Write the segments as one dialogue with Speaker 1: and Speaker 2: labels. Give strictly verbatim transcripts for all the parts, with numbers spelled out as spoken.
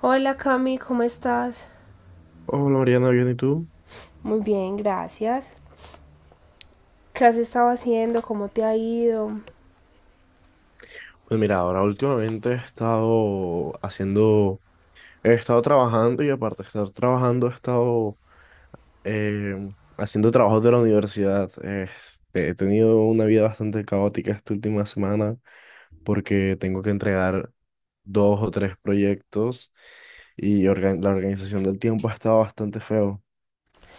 Speaker 1: Hola Cami, ¿cómo estás?
Speaker 2: Hola Mariana, ¿bien y tú?
Speaker 1: Muy bien, gracias. ¿Qué has estado haciendo? ¿Cómo te ha ido?
Speaker 2: Pues mira, ahora últimamente he estado haciendo, he estado trabajando y aparte de estar trabajando he estado eh, haciendo trabajos de la universidad. Este, he tenido una vida bastante caótica esta última semana porque tengo que entregar dos o tres proyectos y organ- la organización del tiempo ha estado bastante feo.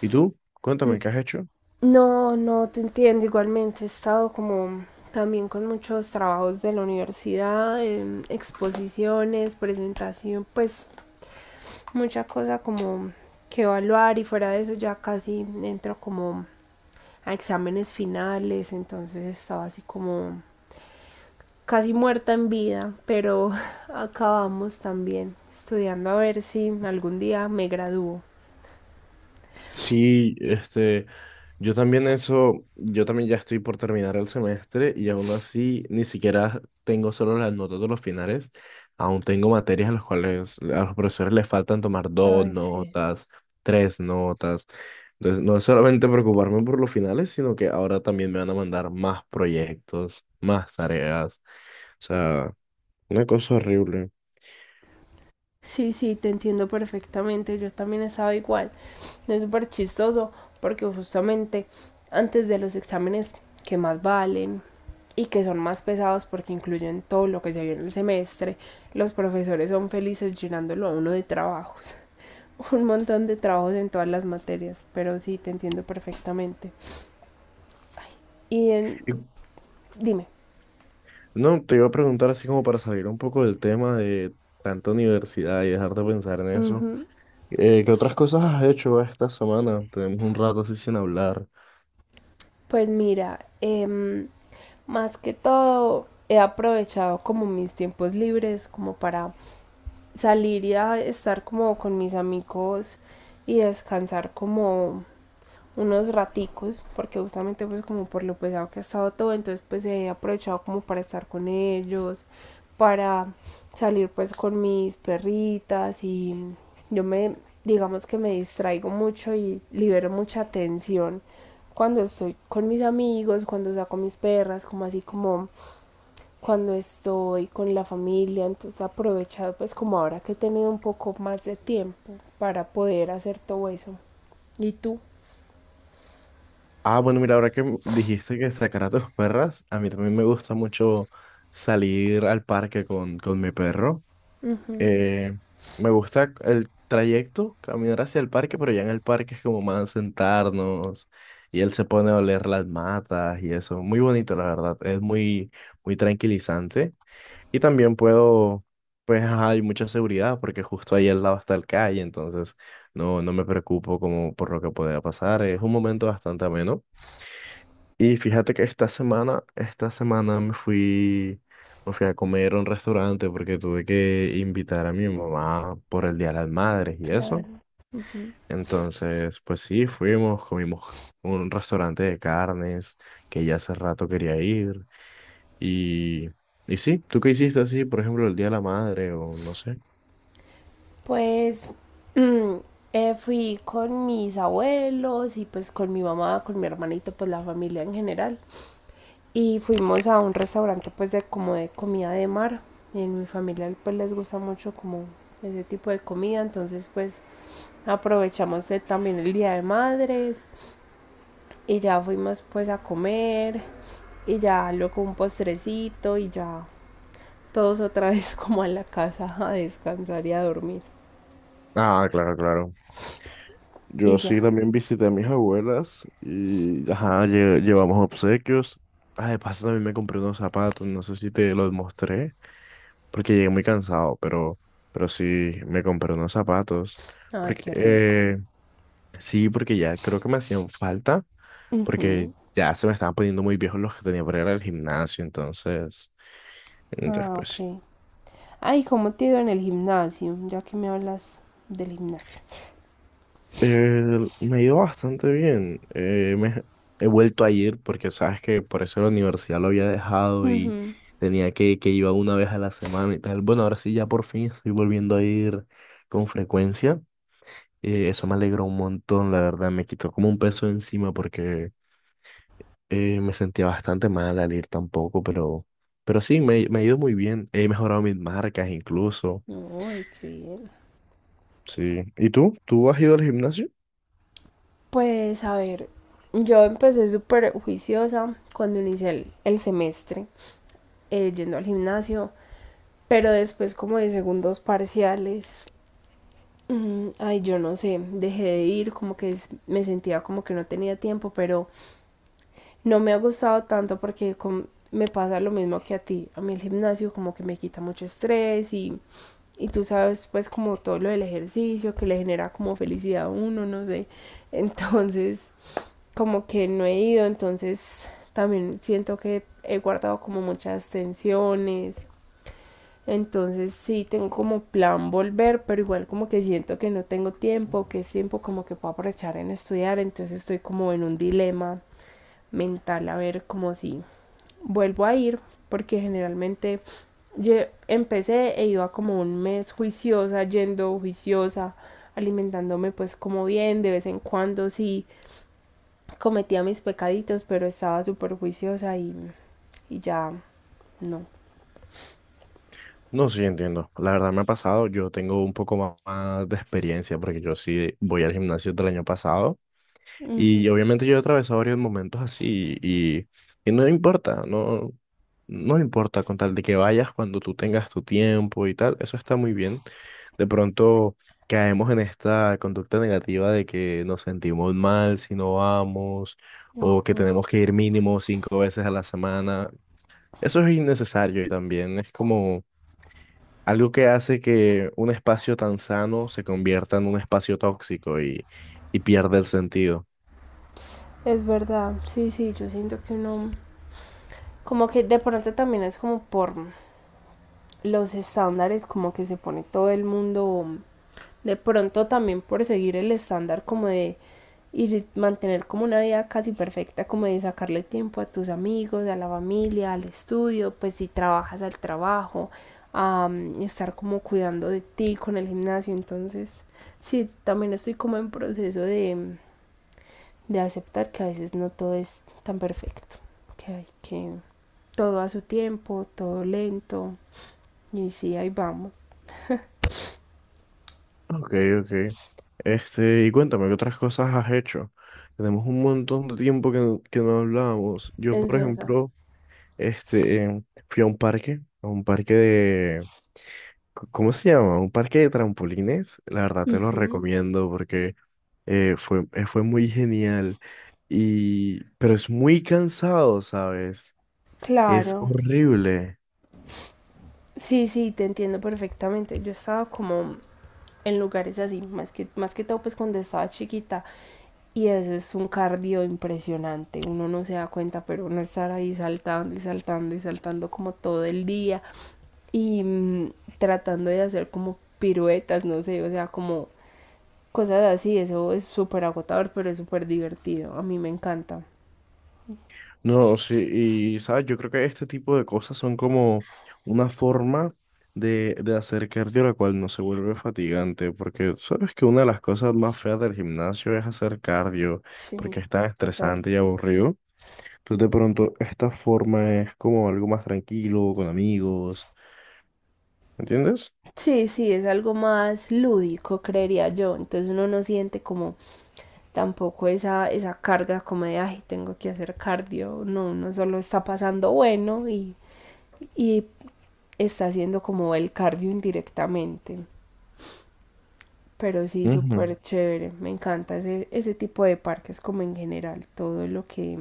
Speaker 2: ¿Y tú? Cuéntame, ¿qué has hecho?
Speaker 1: No, no te entiendo. Igualmente he estado como también con muchos trabajos de la universidad, em, exposiciones, presentación, pues mucha cosa como que evaluar y fuera de eso ya casi entro como a exámenes finales, entonces estaba así como casi muerta en vida, pero acabamos también estudiando a ver si algún día me gradúo.
Speaker 2: Sí, este, yo también eso, yo también ya estoy por terminar el semestre y aún así ni siquiera tengo solo las notas de los finales, aún tengo materias a las cuales a los profesores les faltan tomar dos
Speaker 1: Ay, sí.
Speaker 2: notas, tres notas. Entonces, no es solamente preocuparme por los finales, sino que ahora también me van a mandar más proyectos, más tareas. O sea, una cosa horrible.
Speaker 1: Sí, sí, te entiendo perfectamente, yo también estaba igual. No. Es súper chistoso porque justamente antes de los exámenes que más valen y que son más pesados porque incluyen todo lo que se vio en el semestre, los profesores son felices llenándolo a uno de trabajos, un montón de trabajos en todas las materias, pero sí, te entiendo perfectamente. Y en
Speaker 2: Y,
Speaker 1: Dime.
Speaker 2: No, te iba a preguntar así como para salir un poco del tema de tanta universidad y dejar de pensar en eso.
Speaker 1: Ujú.
Speaker 2: Eh, ¿qué otras cosas has hecho esta semana? Tenemos un rato así sin hablar.
Speaker 1: Pues mira, em, más que todo he aprovechado como mis tiempos libres como para salir y a estar como con mis amigos y descansar como unos raticos, porque justamente pues como por lo pesado que ha estado todo, entonces pues he aprovechado como para estar con ellos, para salir pues con mis perritas y yo me, digamos que me distraigo mucho y libero mucha tensión cuando estoy con mis amigos, cuando saco mis perras, como así como cuando estoy con la familia, entonces he aprovechado pues como ahora que he tenido un poco más de tiempo para poder hacer todo eso. ¿Y tú?
Speaker 2: Ah, bueno, mira, ahora que m- dijiste que sacar a tus perras, a mí también me gusta mucho salir al parque con, con mi perro. Eh, Me gusta el trayecto, caminar hacia el parque, pero ya en el parque es como más sentarnos y él se pone a oler las matas y eso. Muy bonito, la verdad. Es muy, muy tranquilizante. Y también puedo, pues ajá, hay mucha seguridad porque justo ahí al lado está el calle, entonces no, no me preocupo como por lo que pueda pasar. Es un momento bastante ameno. Y fíjate que esta semana, esta semana me fui, me fui a comer a un restaurante porque tuve que invitar a mi mamá por el Día de las Madres y eso.
Speaker 1: Claro.
Speaker 2: Entonces, pues sí, fuimos, comimos a un restaurante de carnes que ya hace rato quería ir. Y, y sí, ¿tú qué hiciste así, por ejemplo, el Día de la Madre o no sé?
Speaker 1: Pues mm, eh, fui con mis abuelos y pues con mi mamá, con mi hermanito, pues la familia en general. Y fuimos a un restaurante pues de como de comida de mar. En mi familia pues les gusta mucho como ese tipo de comida, entonces pues aprovechamos eh, también el Día de Madres y ya fuimos pues a comer y ya luego un postrecito y ya todos otra vez como a la casa a descansar y a dormir
Speaker 2: Ah, claro, claro.
Speaker 1: y
Speaker 2: Yo sí
Speaker 1: ya.
Speaker 2: también visité a mis abuelas y ajá, lle- llevamos obsequios. Ah, de paso también me compré unos zapatos, no sé si te los mostré, porque llegué muy cansado, pero, pero sí me compré unos zapatos.
Speaker 1: Ay,
Speaker 2: Porque,
Speaker 1: qué rico.
Speaker 2: eh, sí, porque ya creo que me hacían falta, porque
Speaker 1: Ujú.
Speaker 2: ya se me estaban poniendo muy viejos los que tenía para ir al gimnasio, entonces, entonces
Speaker 1: Ah,
Speaker 2: pues
Speaker 1: ok. Ay, ¿cómo te iba en el gimnasio? Ya que me hablas del gimnasio.
Speaker 2: Eh, me ha ido bastante bien. Eh, me, he vuelto a ir porque sabes que por eso la universidad lo había dejado y
Speaker 1: Ujú.
Speaker 2: tenía que, que iba una vez a la semana y tal. Bueno, ahora sí ya por fin estoy volviendo a ir con frecuencia. Eh, eso me alegró un montón, la verdad. Me quitó como un peso de encima porque eh, me sentía bastante mal al ir tampoco, pero, pero sí, me, me ha ido muy bien. He mejorado mis marcas incluso.
Speaker 1: No, ay, qué bien.
Speaker 2: Sí. ¿Y tú? ¿Tú has ido al gimnasio?
Speaker 1: Pues a ver, yo empecé súper juiciosa cuando inicié el, el semestre, eh, yendo al gimnasio, pero después como de segundos parciales, mm, ay, yo no sé, dejé de ir, como que es- me sentía como que no tenía tiempo, pero no me ha gustado tanto porque con- me pasa lo mismo que a ti. A mí el gimnasio como que me quita mucho estrés y, y tú sabes pues como todo lo del ejercicio que le genera como felicidad a uno, no sé. Entonces como que no he ido, entonces también siento que he guardado como muchas tensiones. Entonces sí tengo como plan volver, pero igual como que siento que no tengo tiempo, que es tiempo como que puedo aprovechar en estudiar, entonces estoy como en un dilema mental a ver como si vuelvo a ir porque generalmente yo empecé e iba como un mes juiciosa, yendo juiciosa, alimentándome pues como bien, de vez en cuando sí cometía mis pecaditos, pero estaba súper juiciosa y, y ya no.
Speaker 2: No, sí, entiendo. La verdad me ha pasado, yo tengo un poco ma- más de experiencia porque yo sí voy al gimnasio del año pasado
Speaker 1: Ujú,
Speaker 2: y obviamente yo he atravesado varios momentos así y, y no importa, no, no importa con tal de que vayas cuando tú tengas tu tiempo y tal, eso está muy bien. De pronto caemos en esta conducta negativa de que nos sentimos mal si no vamos o que
Speaker 1: ujú.
Speaker 2: tenemos que ir mínimo cinco veces a la semana. Eso es innecesario y también es como... algo que hace que un espacio tan sano se convierta en un espacio tóxico y, y pierde el sentido.
Speaker 1: Es verdad, sí, sí, yo siento que uno, como que de pronto también es como por los estándares, como que se pone todo el mundo. De pronto también por seguir el estándar como de y mantener como una vida casi perfecta, como de sacarle tiempo a tus amigos, a la familia, al estudio, pues si trabajas al trabajo, a mm, estar como cuidando de ti con el gimnasio. Entonces, sí, también estoy como en proceso de, mm, de aceptar que a veces no todo es tan perfecto, que hay que todo a su tiempo, todo lento, y sí, ahí vamos.
Speaker 2: Ok, ok. Este, y cuéntame, ¿qué otras cosas has hecho? Tenemos un montón de tiempo que, no- que no hablábamos. Yo,
Speaker 1: Es
Speaker 2: por
Speaker 1: verdad.
Speaker 2: ejemplo, este, em, fui a un parque, a un parque, de, c- ¿cómo se llama? Un parque de trampolines. La verdad te lo
Speaker 1: Ujú,
Speaker 2: recomiendo porque eh, fue, eh, fue muy genial. Y, pero es muy cansado, ¿sabes? Es
Speaker 1: claro.
Speaker 2: horrible.
Speaker 1: Sí, sí, te entiendo perfectamente. Yo estaba como en lugares así, más que, más que todo pues cuando estaba chiquita. Y eso es un cardio impresionante. Uno no se da cuenta, pero uno estar ahí saltando y saltando y saltando como todo el día. Y mm, tratando de hacer como piruetas, no sé, o sea, como cosas así. Eso es súper agotador, pero es súper divertido. A mí me encanta.
Speaker 2: No, sí, y sabes, yo creo que este tipo de cosas son como una forma de, de hacer cardio la cual no se vuelve fatigante, porque sabes que una de las cosas más feas del gimnasio es hacer cardio,
Speaker 1: Sí,
Speaker 2: porque es tan
Speaker 1: total.
Speaker 2: estresante y aburrido. Entonces, de pronto, esta forma es como algo más tranquilo, con amigos, ¿me ¿entiendes?
Speaker 1: Sí, sí, es algo más lúdico, creería yo. Entonces uno no siente como tampoco esa, esa carga como de, ay, tengo que hacer cardio. No, uno solo está pasando bueno y, y está haciendo como el cardio indirectamente. Pero sí,
Speaker 2: Ujú.
Speaker 1: súper chévere. Me encanta ese, ese tipo de parques como en general. Todo lo que,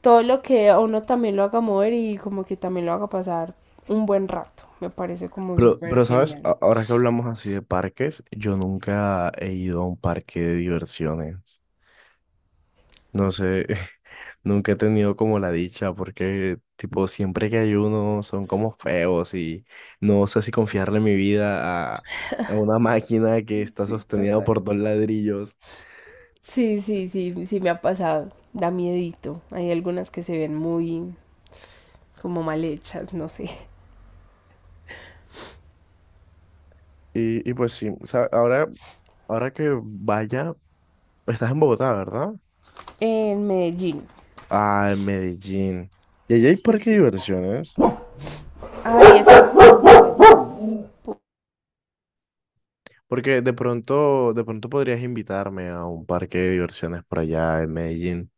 Speaker 1: todo lo que a uno también lo haga mover y como que también lo haga pasar un buen rato. Me parece como
Speaker 2: Pero,
Speaker 1: súper
Speaker 2: pero, ¿sabes?
Speaker 1: genial.
Speaker 2: A- Ahora que hablamos así de parques, yo nunca he ido a un parque de diversiones. No sé, nunca he tenido como la dicha porque, tipo, siempre que ayuno son como feos y no sé si confiarle mi vida a, a una máquina que está
Speaker 1: Sí,
Speaker 2: sostenida
Speaker 1: total.
Speaker 2: por dos ladrillos.
Speaker 1: Sí, sí, sí, sí me ha pasado. Da miedito. Hay algunas que se ven muy, como mal hechas, no sé.
Speaker 2: Y, y pues sí, o sea, ahora, ahora que vaya, estás en Bogotá, ¿verdad?
Speaker 1: En Medellín.
Speaker 2: Ah, en Medellín. ¿Y allá hay
Speaker 1: Sí,
Speaker 2: parque de
Speaker 1: sí.
Speaker 2: diversiones?
Speaker 1: Ahí está.
Speaker 2: Porque de pronto, de pronto podrías invitarme a un parque de diversiones por allá en Medellín.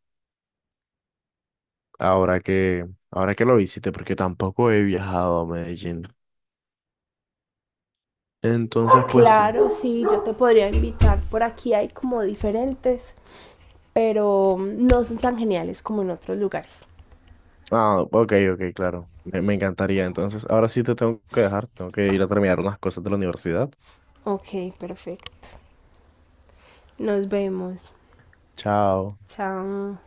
Speaker 2: Ahora que, ahora que lo visite, porque tampoco he viajado a Medellín. Entonces, pues sí.
Speaker 1: Claro, sí, yo te podría invitar. Por aquí hay como diferentes, pero no son tan geniales como en otros lugares.
Speaker 2: Ah, ok, ok, claro. Me, me encantaría. Entonces, ahora sí te tengo que dejar. Tengo que ir a terminar unas cosas de la universidad.
Speaker 1: Ok, perfecto. Nos vemos.
Speaker 2: Chao.
Speaker 1: Chao.